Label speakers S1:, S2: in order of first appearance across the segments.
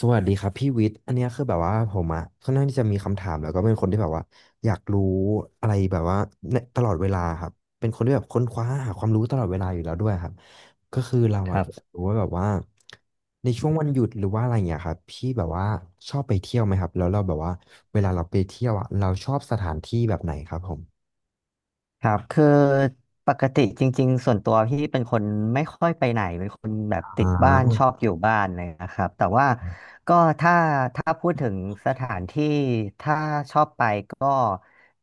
S1: สวัสดีครับพี่วิทย์อันเนี้ยคือแบบว่าผมอะค่อนข้างที่จะมีคำถามแล้วก็เป็นคนที่แบบว่าอยากรู้อะไรแบบว่าในตลอดเวลาครับเป็นคนที่แบบค้นคว้าหาความรู้ตลอดเวลาอยู่แล้วด้วยครับก็คือเรา
S2: ค
S1: อะ
S2: รั
S1: อยาก
S2: บ
S1: รู้ว่าแบบว่าในช่วงวันหยุดหรือว่าอะไรเงี้ยครับพี่แบบว่าชอบไปเที่ยวไหมครับแล้วเราแบบว่าเวลาเราไปเที่ยวอะเราชอบสถานที่แบบไหนครับผม
S2: ครับคือปกติจริงๆส่วนตัวพี่เป็นคนไม่ค่อยไปไหนเป็นคนแบบติด
S1: อ่า
S2: บ้านชอบอยู่บ้านเลยนะครับแต่ว่าก็ถ้าถ้าพูดถึงสถานที่ถ้าชอบไปก็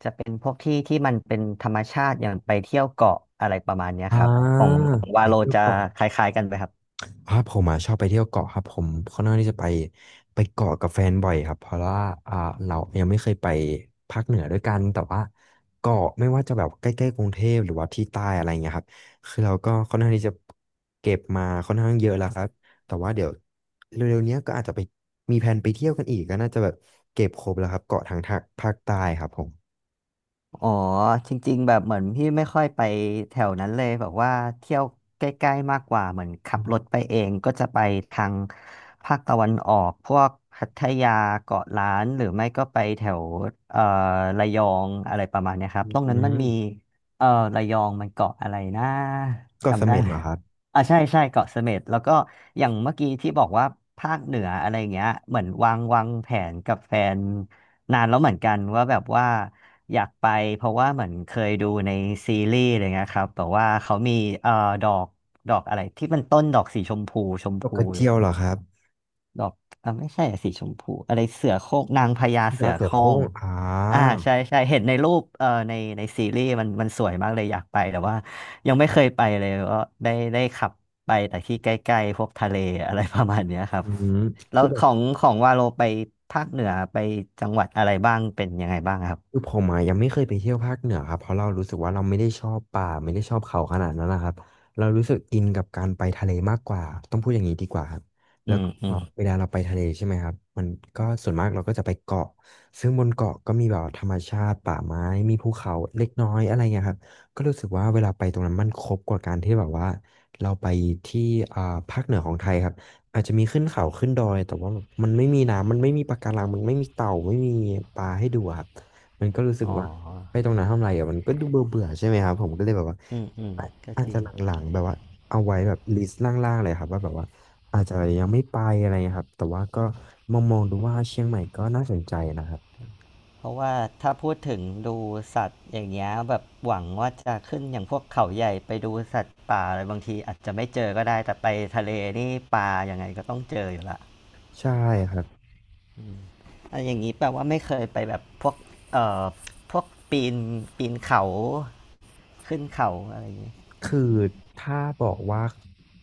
S2: จะเป็นพวกที่ที่มันเป็นธรรมชาติอย่างไปเที่ยวเกาะอะไรประมาณเนี้ย
S1: อ่
S2: ครับของ
S1: า
S2: ของวา
S1: ไป
S2: โล
S1: เที่ยว
S2: จะ
S1: เกาะ
S2: คล้ายๆกันไหมครับ
S1: ผมอ่ะชอบไปเที่ยวเกาะครับผมค่อนข้างที่จะไปเกาะกับแฟนบ่อยครับเพราะว่าอ่าเรายังไม่เคยไปภาคเหนือด้วยกันแต่ว่าเกาะไม่ว่าจะแบบใกล้ๆกรุงเทพหรือว่าที่ใต้อะไรเงี้ยครับคือเราก็ค่อนข้างที่จะเก็บมาค่อนข้างเยอะแล้วครับแต่ว่าเดี๋ยวเร็วๆเนี้ยก็อาจจะไปมีแผนไปเที่ยวกันอีกก็น่าจะแบบเก็บครบแล้วครับเกาะทางภาคใต้ครับผม
S2: อ๋อจริงๆแบบเหมือนพี่ไม่ค่อยไปแถวนั้นเลยแบบว่าเที่ยวใกล้ๆมากกว่าเหมือนขั
S1: อื
S2: บรถ
S1: ม
S2: ไปเองก็จะไปทางภาคตะวันออกพวกพัทยาเกาะล้านหรือไม่ก็ไปแถวเอ่อระยองอะไรประมาณเนี้ยครับตรง
S1: อื
S2: นั้นมันมี
S1: ม
S2: เอ่อระยองมันเกาะอะไรนะ
S1: เกาะเส
S2: จำได้
S1: ม็ด
S2: ไหม
S1: เหรอครับ
S2: อ่าใช่ใช่เกาะเสม็ดแล้วก็อย่างเมื่อกี้ที่บอกว่าภาคเหนืออะไรอย่างเงี้ยเหมือนวางแผนกับแฟน นานแล้วเหมือนกันว่าแบบว่าอยากไปเพราะว่าเหมือนเคยดูในซีรีส์อะไรเงี้ยครับแต่ว่าเขามีเอ่อดอกดอกอะไรที่มันต้นดอกสีชมพูชม
S1: เกาะ
S2: พู
S1: กระ
S2: อยู่
S1: เจียวเหรอครับ
S2: ดอกอ่ะไม่ใช่อะสีชมพูอะไรเสือโคร่งนางพญา
S1: พ
S2: เสื
S1: ญา
S2: อ
S1: เสื
S2: โค
S1: อ
S2: ร่
S1: โคร่
S2: ง
S1: งอ่
S2: อ่า
S1: า
S2: ใช่ใช่เห็นในรูปในซีรีส์มันสวยมากเลยอยากไปแต่ว่ายังไม่เคยไปเลยก็ได้ขับไปแต่ที่ใกล้ๆพวกทะเลอะไรประมาณเนี้ยครับ
S1: อืม
S2: แล้
S1: คื
S2: ว
S1: อแบ
S2: ข
S1: บ
S2: องของวาโลไปภาคเหนือไปจังหวัดอะไรบ้างเป็นยังไงบ้างครับ
S1: คือผมอะยังไม่เคยไปเที่ยวภาคเหนือครับเพราะเรารู้สึกว่าเราไม่ได้ชอบป่าไม่ได้ชอบเขาขนาดนั้นนะครับเรารู้สึกอินกับการไปทะเลมากกว่าต้องพูดอย่างนี้ดีกว่าครับ
S2: อื
S1: แล้ว
S2: ม
S1: ก็
S2: อืม
S1: เวลาเราไปทะเลใช่ไหมครับมันก็ส่วนมากเราก็จะไปเกาะซึ่งบนเกาะก็มีแบบธรรมชาติป่าไม้มีภูเขาเล็กน้อยอะไรเงี้ยครับก็รู้สึกว่าเวลาไปตรงนั้นมันครบกว่าการที่แบบว่าเราไปที่อ่าภาคเหนือของไทยครับอาจจะมีขึ้นเขาขึ้นดอยแต่ว่ามันไม่มีน้ำมันไม่มีปะการังมันไม่มีเต่าไม่มีปลาให้ดูอะครับ มันก็รู้สึก
S2: อ๋อ
S1: ว่าไปตรงนั้นทำไรอ่ะมันก็ดูเบื่อเบื่อใช่ไหมครับผมก็เลยแบบว่า
S2: อืมก็
S1: อาจ
S2: จริ
S1: จะ
S2: ง
S1: หลังๆแบบว่าเอาไว้แบบลิสต์ล่างๆเลยครับว่าแบบว่าอาจจะยังไม่ไปอะไรเงี้ยครับแต่ว่าก็มองมองดูว่าเชียงใหม่ก็น่าสนใจนะครับ
S2: เพราะว่าถ้าพูดถึงดูสัตว์อย่างเงี้ยแบบหวังว่าจะขึ้นอย่างพวกเขาใหญ่ไปดูสัตว์ป่าอะไรบางทีอาจจะไม่เจอก็ได้แต่ไปทะเลนี่ปลายังไงก็ต้องเจออยู่ละ
S1: ใช่ครับ
S2: อะอย่างนี้แปลว่าไม่เคยไปแบบพวกเอ่อพวกปีนปีนเขาขึ้นเขาอะไรอย่างงี้
S1: คือถ้าบอกว่า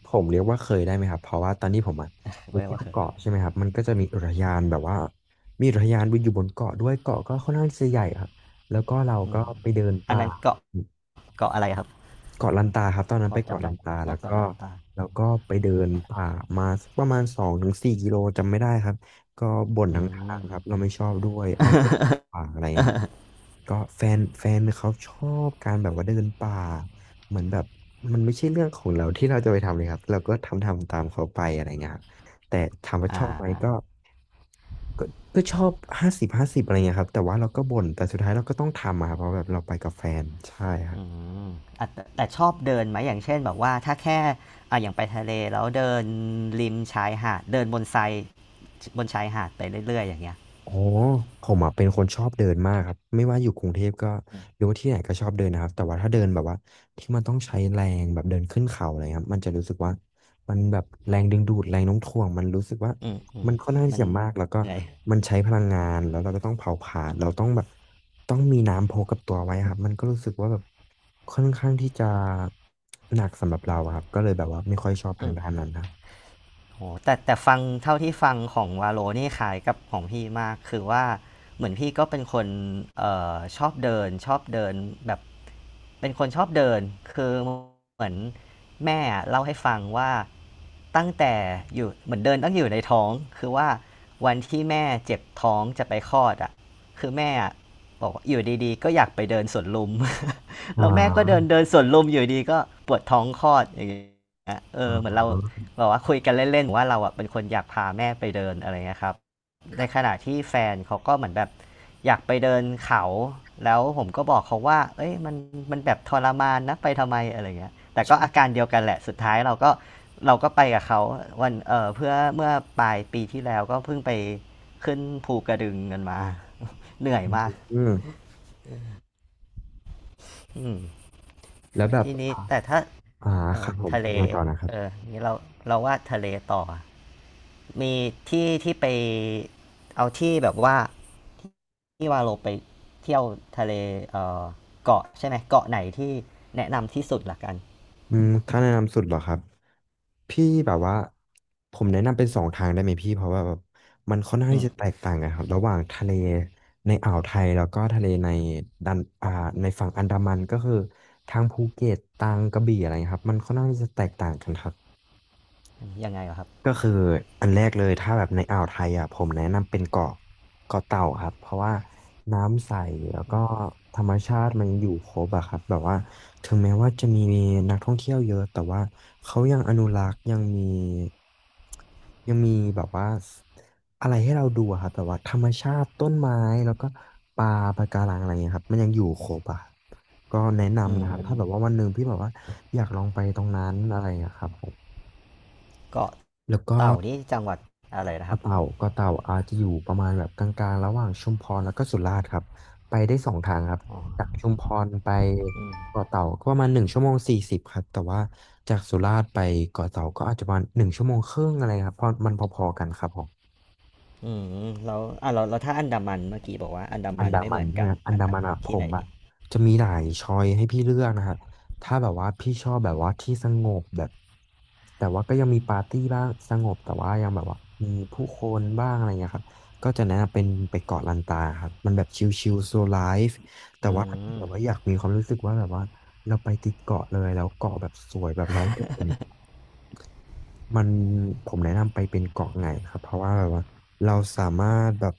S1: ผมเรียกว่าเคยได้ไหมครับเพราะว่าตอนที่ผมอะไป
S2: ไม่
S1: เที่ย
S2: ว่า
S1: ว
S2: เคย
S1: เกาะใช่ไหมครับมันก็จะมีอุทยานแบบว่ามีอุทยานอยู่บนเกาะด้วยเกาะก็ค่อนข้างจะใหญ่ครับแล้วก็เรา
S2: อื
S1: ก็
S2: ม
S1: ไปเดิน
S2: อัน
S1: ป่า
S2: นั้นเกาะอะไรครับ
S1: เกาะลันตาครับตอนนั้
S2: พ
S1: น
S2: อ
S1: ไปเกาะ
S2: จำ
S1: ลั
S2: ได้
S1: นตา
S2: อ๋
S1: แล้
S2: อ
S1: ว
S2: เกาะ
S1: ก็
S2: ลันตา
S1: แล้วก็ไปเดินป่ามาสักประมาณ2-4 กิโลจำไม่ได้ครับก็บ่น
S2: อื
S1: ทั้งทางครับ
S2: ม
S1: เราไม่ชอบด้วยเอาตัวป่าอะไรครับก็แฟนเขาชอบการแบบว่าเดินป่าเหมือนแบบมันไม่ใช่เรื่องของเราที่เราจะไปทำเลยครับเราก็ทำตามเขาไปอะไรเงี้ยครับแต่ถามว่าช
S2: อ่
S1: อบไหม
S2: า
S1: ก็ก็ชอบ50/50อะไรเงี้ยครับแต่ว่าเราก็บ่นแต่สุดท้ายเราก็ต้องทำอะครับเพราะแบบเราไปกับแฟนใช่ครับ
S2: อืมอ่ะแต่ชอบเดินไหมอย่างเช่นแบบว่าถ้าแค่อ่ะอย่างไปทะเลแล้วเดินริมชายหาดเดินบนทรายบนชายหาดไปเรื่อยๆอย่างเงี้ย
S1: อ๋อผมอ่ะเป็นคนชอบเดินมากครับไม่ว่าอยู่กรุงเทพก็
S2: อืม
S1: หรือว่าที่ไหนก็ชอบเดินนะครับแต่ว่าถ้าเดินแบบว่าที่มันต้องใช้แรงแบบเดินขึ้นเขาอะไรครับมันจะรู้สึกว่ามันแบบแรงดึงดูดแรงโน้มถ่วงมันรู้สึกว่า
S2: อืมอื
S1: มั
S2: ม
S1: นค่อนข้างที่
S2: มัน
S1: จะมากแล้วก็
S2: เหนื่อย
S1: มันใช้พลังงานแล้วเราก็ต้องเผาผลาญเราต้องแบบต้องมีน้ำพกกับตัวไว้ครับมันก็รู้สึกว่าแบบค่อนข้างที่จะหนักสำหรับเราอะครับก็เลยแบบว่าไม่ค่อยชอบทา
S2: อื
S1: งด้าน
S2: ม
S1: นั้นนะ
S2: โอ้แต่ฟังเท่าที่ฟังของวาโลนี่คล้ายกับของพี่มากคือว่าเหมือนพี่ก็เป็นคนชอบเดินแบบเป็นคนชอบเดินคือเหมือนแม่เล่าให้ฟังว่าตั้งแต่อยู่เหมือนเดินตั้งอยู่ในท้องคือว่าวันที่แม่เจ็บท้องจะไปคลอดอ่ะคือแม่ บอกว่าอยู่ดีๆก็อยากไปเดินสวนลุม
S1: อ๋
S2: แล้วแม่ก็เดิน
S1: อ
S2: เดินสวนลุมอยู่ดีก็ปวดท้องคลอดอย่างเงี้ยเอ
S1: อ๋
S2: อเหมือนเรา
S1: อ
S2: บอกว่าคุยกันเล่นๆ ว่าเราอ่ะเป็นคนอยากพาแม่ไปเดินอะไรเงี้ยครับในขณะที่แฟนเขาก็เหมือนแบบอยากไปเดินเขาแล้วผมก็บอกเขาว่าเอ้ยมันแบบทรมานนะไปทำไมอะไรเงี้ยแต่ก็
S1: ใช่
S2: อาการเดียวกันแหละสุดท้ายเราก็ไปกับเขาวันเพื่อเมื่อปลายปีที่แล้วก็เพิ่งไปขึ้นภูกระดึงกันมา เหนื่อยมาก
S1: อืม
S2: อืม
S1: แล้วแบบ
S2: ทีนี้แต่ถ้า
S1: อ่า
S2: เอ
S1: ค
S2: อ
S1: รับผม
S2: ทะเล
S1: ยังไงต่อนะครั
S2: เออ
S1: บ
S2: นี่เราว่าทะเลต่อมีที่ไปเอาที่แบบว่าที่ว่าเราไปเที่ยวทะเลเออเกาะใช่ไหมเกาะไหนที่แนะนำที่สุดละกัน
S1: อืมถ้าแนะนำสุดเหรอครับพี่แบบว่าผมแนะนำเป็นสองทางได้ไหมพี่เพราะว่าแบบมันค่อนข้าง
S2: อื
S1: ที่
S2: ม
S1: จะแตกต่างกันครับระหว่างทะเลในอ่าวไทยแล้วก็ทะเลในดันอ่าในฝั่งอันดามันก็คือทางภูเก็ตทางกระบี่อะไรครับมันค่อนข้างที่จะแตกต่างกันครับ
S2: ยังไงเหรอครับ
S1: ก็คืออันแรกเลยถ้าแบบในอ่าวไทยอ่ะผมแนะนำเป็นเกาะเกาะเต่าครับเพราะว่าน้ำใสแล้วก็ธรรมชาติมันอยู่ครบอะครับแบบว่าถึงแม้ว่าจะมีนักท่องเที่ยวเยอะแต่ว่าเขายังอนุรักษ์ยังมีแบบว่าอะไรให้เราดูอะครับแบบว่าธรรมชาติต้นไม้แล้วก็ปลาปะการังอะไรเงี้ยครับมันยังอยู่ครบอะครับก็แนะ
S2: อื
S1: นำนะครับถ้าแบบว่า
S2: ม
S1: วันหนึ่งพี่แบบว่าอยากลองไปตรงนั้นอะไรอะครับผม
S2: เกาะ
S1: แล้วก็
S2: เต่านี่จังหวัดอะไรนะค
S1: เกาะ
S2: รับ
S1: เต่าเกาะเต่าอาจจะอยู่ประมาณแบบกลางๆระหว่างชุมพรแล้วก็สุราษฎร์ครับไปได้สองทางครับ
S2: อ๋อ
S1: จากชุมพรไป
S2: อืม
S1: เกาะเต่าก็ประมาณ1 ชั่วโมง 40ครับแต่ว่าจากสุราษฎร์ไปเกาะเต่าก็อาจจะประมาณ1 ชั่วโมงครึ่งอะไรครับเพราะมันพอๆกันครับผม
S2: อืมแล้วอ่ะเราถ้าอันดามันเมื่อกี้บอกว่าอันดา
S1: อัน
S2: มัน
S1: ดา
S2: ไม่เห
S1: มัน
S2: มือน
S1: ใช่
S2: กั
S1: ไหม
S2: น
S1: อัน
S2: อัน
S1: ดา
S2: ดา
S1: มัน
S2: มัน
S1: อะผ
S2: ที่ไหน
S1: มอะ
S2: ดี
S1: จะมีหลายช้อยให้พี่เลือกนะฮะถ้าแบบว่าพี่ชอบแบบว่าที่สงบแบบแต่ว่าก็ยังมีปาร์ตี้บ้างสงบแต่ว่ายังแบบว่ามีผู้คนบ้างอะไรเงี้ยครับก็จะแนะนำเป็นไปเกาะลันตาครับมันแบบชิลๆโซไลฟ์แต่
S2: อื
S1: ว่าถ้าแบ
S2: ม
S1: บว่าอยากมีความรู้สึกว่าแบบว่าเราไปติดเกาะเลยแล้วเกาะแบบสวยแบบ100% มันผมแนะนำไปเป็นเกาะไงครับเพราะว่าแบบว่าเราสามารถแบบ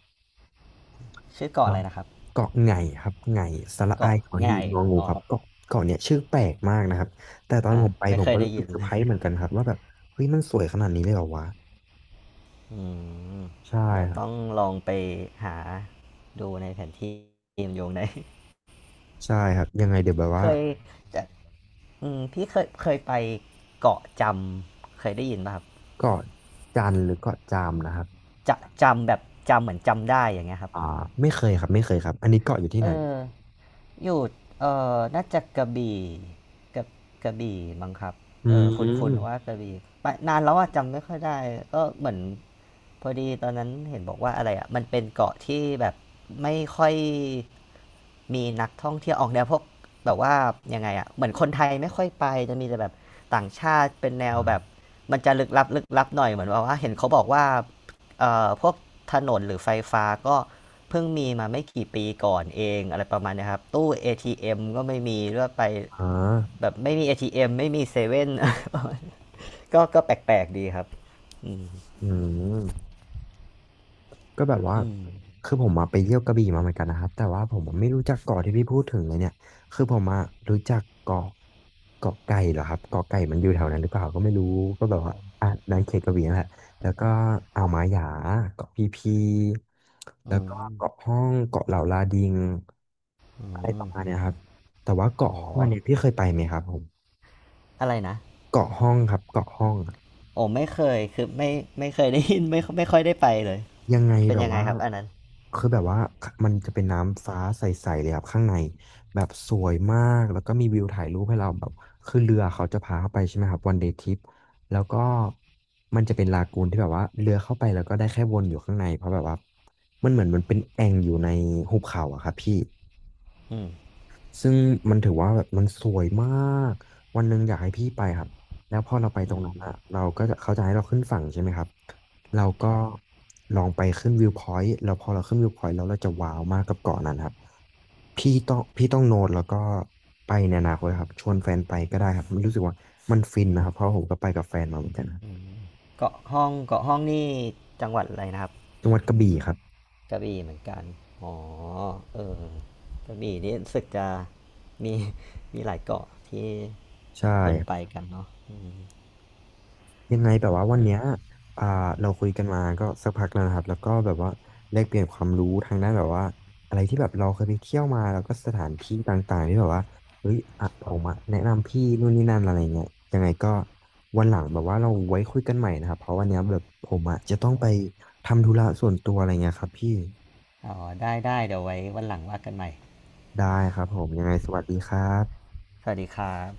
S2: ชื่อ
S1: เอ่
S2: เกาะ
S1: อ
S2: อะไรนะครับ
S1: เกาะไงครับไงสระอาย
S2: เกาะ
S1: ขอ
S2: ไง
S1: หีบงองู
S2: อ๋อ
S1: ครับเกาะเกาะเนี่ยชื่อแปลกมากนะครับแต่ตอน
S2: อ่า
S1: ผมไป
S2: ไม่
S1: ผม
S2: เคย
S1: ก็
S2: ได้
S1: รู้สึ
S2: ยิ
S1: ก
S2: น
S1: เซอ
S2: เล
S1: ร์ไพ
S2: ย
S1: รส์เหมือนกันครับว่าแบบเฮ้ยมันสวยขนาดนี้เลยเหรอวะ
S2: อืม
S1: ใช่
S2: เดี๋ยว
S1: ครับ
S2: ต้องลองไปหาดูในแผนที่เกมโยงได้
S1: ใช่ครับยังไงเดี๋ยวแบบ
S2: เค
S1: ว่า
S2: ยจะอืมพี่เคยไปเกาะจำเคยได้ยินป่ะครับ
S1: เกาะจันหรือเกาะจามนะครับ
S2: จะจำแบบจำเหมือนจำได้อย่างเงี้ยครับ
S1: อ่าไม่เคยครับอันนี้เกาะอยู่ที่
S2: เอ
S1: ไหน
S2: อ อยู่เอ่น่าจะกระบี่กับกระบี่มั้งครับ
S1: อื
S2: เออคุ้นุว่า
S1: ม
S2: กระบี่ไปนานแล้วอะจำไม่ค่อยได้ก็เหมือนพอดีตอนนั้นเห็นบอกว่าอะไรอะมันเป็นเกาะที่แบบไม่ค่อยมีนักท่องเที่ยวออกแนวพวกแบบว่ายังไงอะเหมือนคนไทยไม่ค่อยไปจะมีแต่แบบต่างชาติเป็นแนว
S1: อ่า
S2: แบบมันจะลึกลับหน่อยเหมือนว่าเห็นเขาบอกว่า พวกถนนหรือไฟฟ้าก็เพิ่งมีมาไม่กี่ปีก่อนเองอะไรประมาณเนี้ยครับตู้ ATM ก็ไม่มีด้วยไป
S1: อ่า
S2: แบบไม่มี ATM ไม่มีเซเว่น ก็แปลกๆดีครับอืม
S1: อืม ก็แบบว่า
S2: อืม
S1: คือผมมาไปเที่ยวกระบี่มาเหมือนกันนะครับแต่ว่าผมอะไม่รู้จักเกาะที่พี่พูดถึงเลยเนี่ยคือผมมารู้จักเกาะเกาะไก่เหรอครับเกาะไก่มันอยู่แถวนั้นหรือเปล่าก็ไม่รู้ก็แบบว่าอ่ะในเขตกระบี่นั่นแหละแล้วก็อ่าวหมาหยาเกาะพีพี
S2: อื
S1: แล้วก็
S2: ม
S1: เกาะห้องเกาะเหล่าลาดิง
S2: อื
S1: อะไรป
S2: ม
S1: ระมาณเนี้ยครับแต่ว่าเกาะห้องอัน
S2: โห
S1: เนี้ยพี่เคยไปไหมครับผม
S2: อะไรนะ
S1: เกาะห้องครับเกาะห้อง
S2: โอ้ไม่เคยคือไม่เคยได้ยินไม่ค่อยได้ไปเลย
S1: ยังไง
S2: เป็น
S1: แบบ
S2: ยังไง
S1: ว่า
S2: ครับอันนั้น
S1: คือแบบว่ามันจะเป็นน้ำฟ้าใสๆเลยครับข้างในแบบสวยมากแล้วก็มีวิวถ่ายรูปให้เราแบบคือเรือเขาจะพาเข้าไปใช่ไหมครับวันเดย์ทริปแล้วก็มันจะเป็นลากูนที่แบบว่าเรือเข้าไปแล้วก็ได้แค่วนอยู่ข้างในเพราะแบบว่ามันเหมือนมันเป็นแอ่งอยู่ในหุบเขาอะครับพี่
S2: อืม
S1: ซึ่งมันถือว่าแบบมันสวยมากวันหนึ่งอยากให้พี่ไปครับแล้วพอเราไปต
S2: อื
S1: รงนั้นอ่ะ
S2: ม
S1: เราก็จะเขาจะให้เราขึ้นฝั่งใช่ไหมครับ เราก็
S2: ครับ
S1: ลองไปขึ้นวิวพอยต์แล้วพอเราขึ้นวิวพอยต์แล้วเราจะว้าวมากกับเกาะนั้นครับพี่ต้องโน้ตแล้วก็ไปในอนาคตครับชวนแฟนไปก็ได้ครับมันรู้สึกว่ามันฟินนะครับ เพราะผมก็ไปกับแฟนมาเหมือนกันครับ
S2: เกาะห้องนี่จังหวัดอะไรนะครับ
S1: จังหวัดกระบี่ครับ
S2: กระบี่เหมือนกัน อ๋อ เออ กระบี่นี่รู้สึกจะมีมีหลายเกาะที่
S1: ใช่
S2: คนไปกันเนาะอ
S1: ยังไงแบบว่าวันเนี้ยอ่าเราคุยกันมาก็สักพักแล้วนะครับแล้วก็แบบว่าแลกเปลี่ยนความรู้ทางด้านแบบว่าอะไรที่แบบเราเคยไปเที่ยวมาแล้วก็สถานที่ต่างๆที่แบบว่าเฮ้ยอ่ะผมอะแนะนำพี่นู่นนี่นั่นอะไรเงี้ยยังไงก็วันหลังแบบว่าเราไว้คุยกันใหม่นะครับเพราะวันเนี้ยแบบผมอะจะต้องไปทำธุระส่วนตัวอะไรเงี้ยครับพี่
S2: อ๋อได้ เดี๋ยวไว้วันหลังว่ากันใหม่
S1: ได้ครับผมยังไงสวัสดีครับ
S2: สวัสดีครับ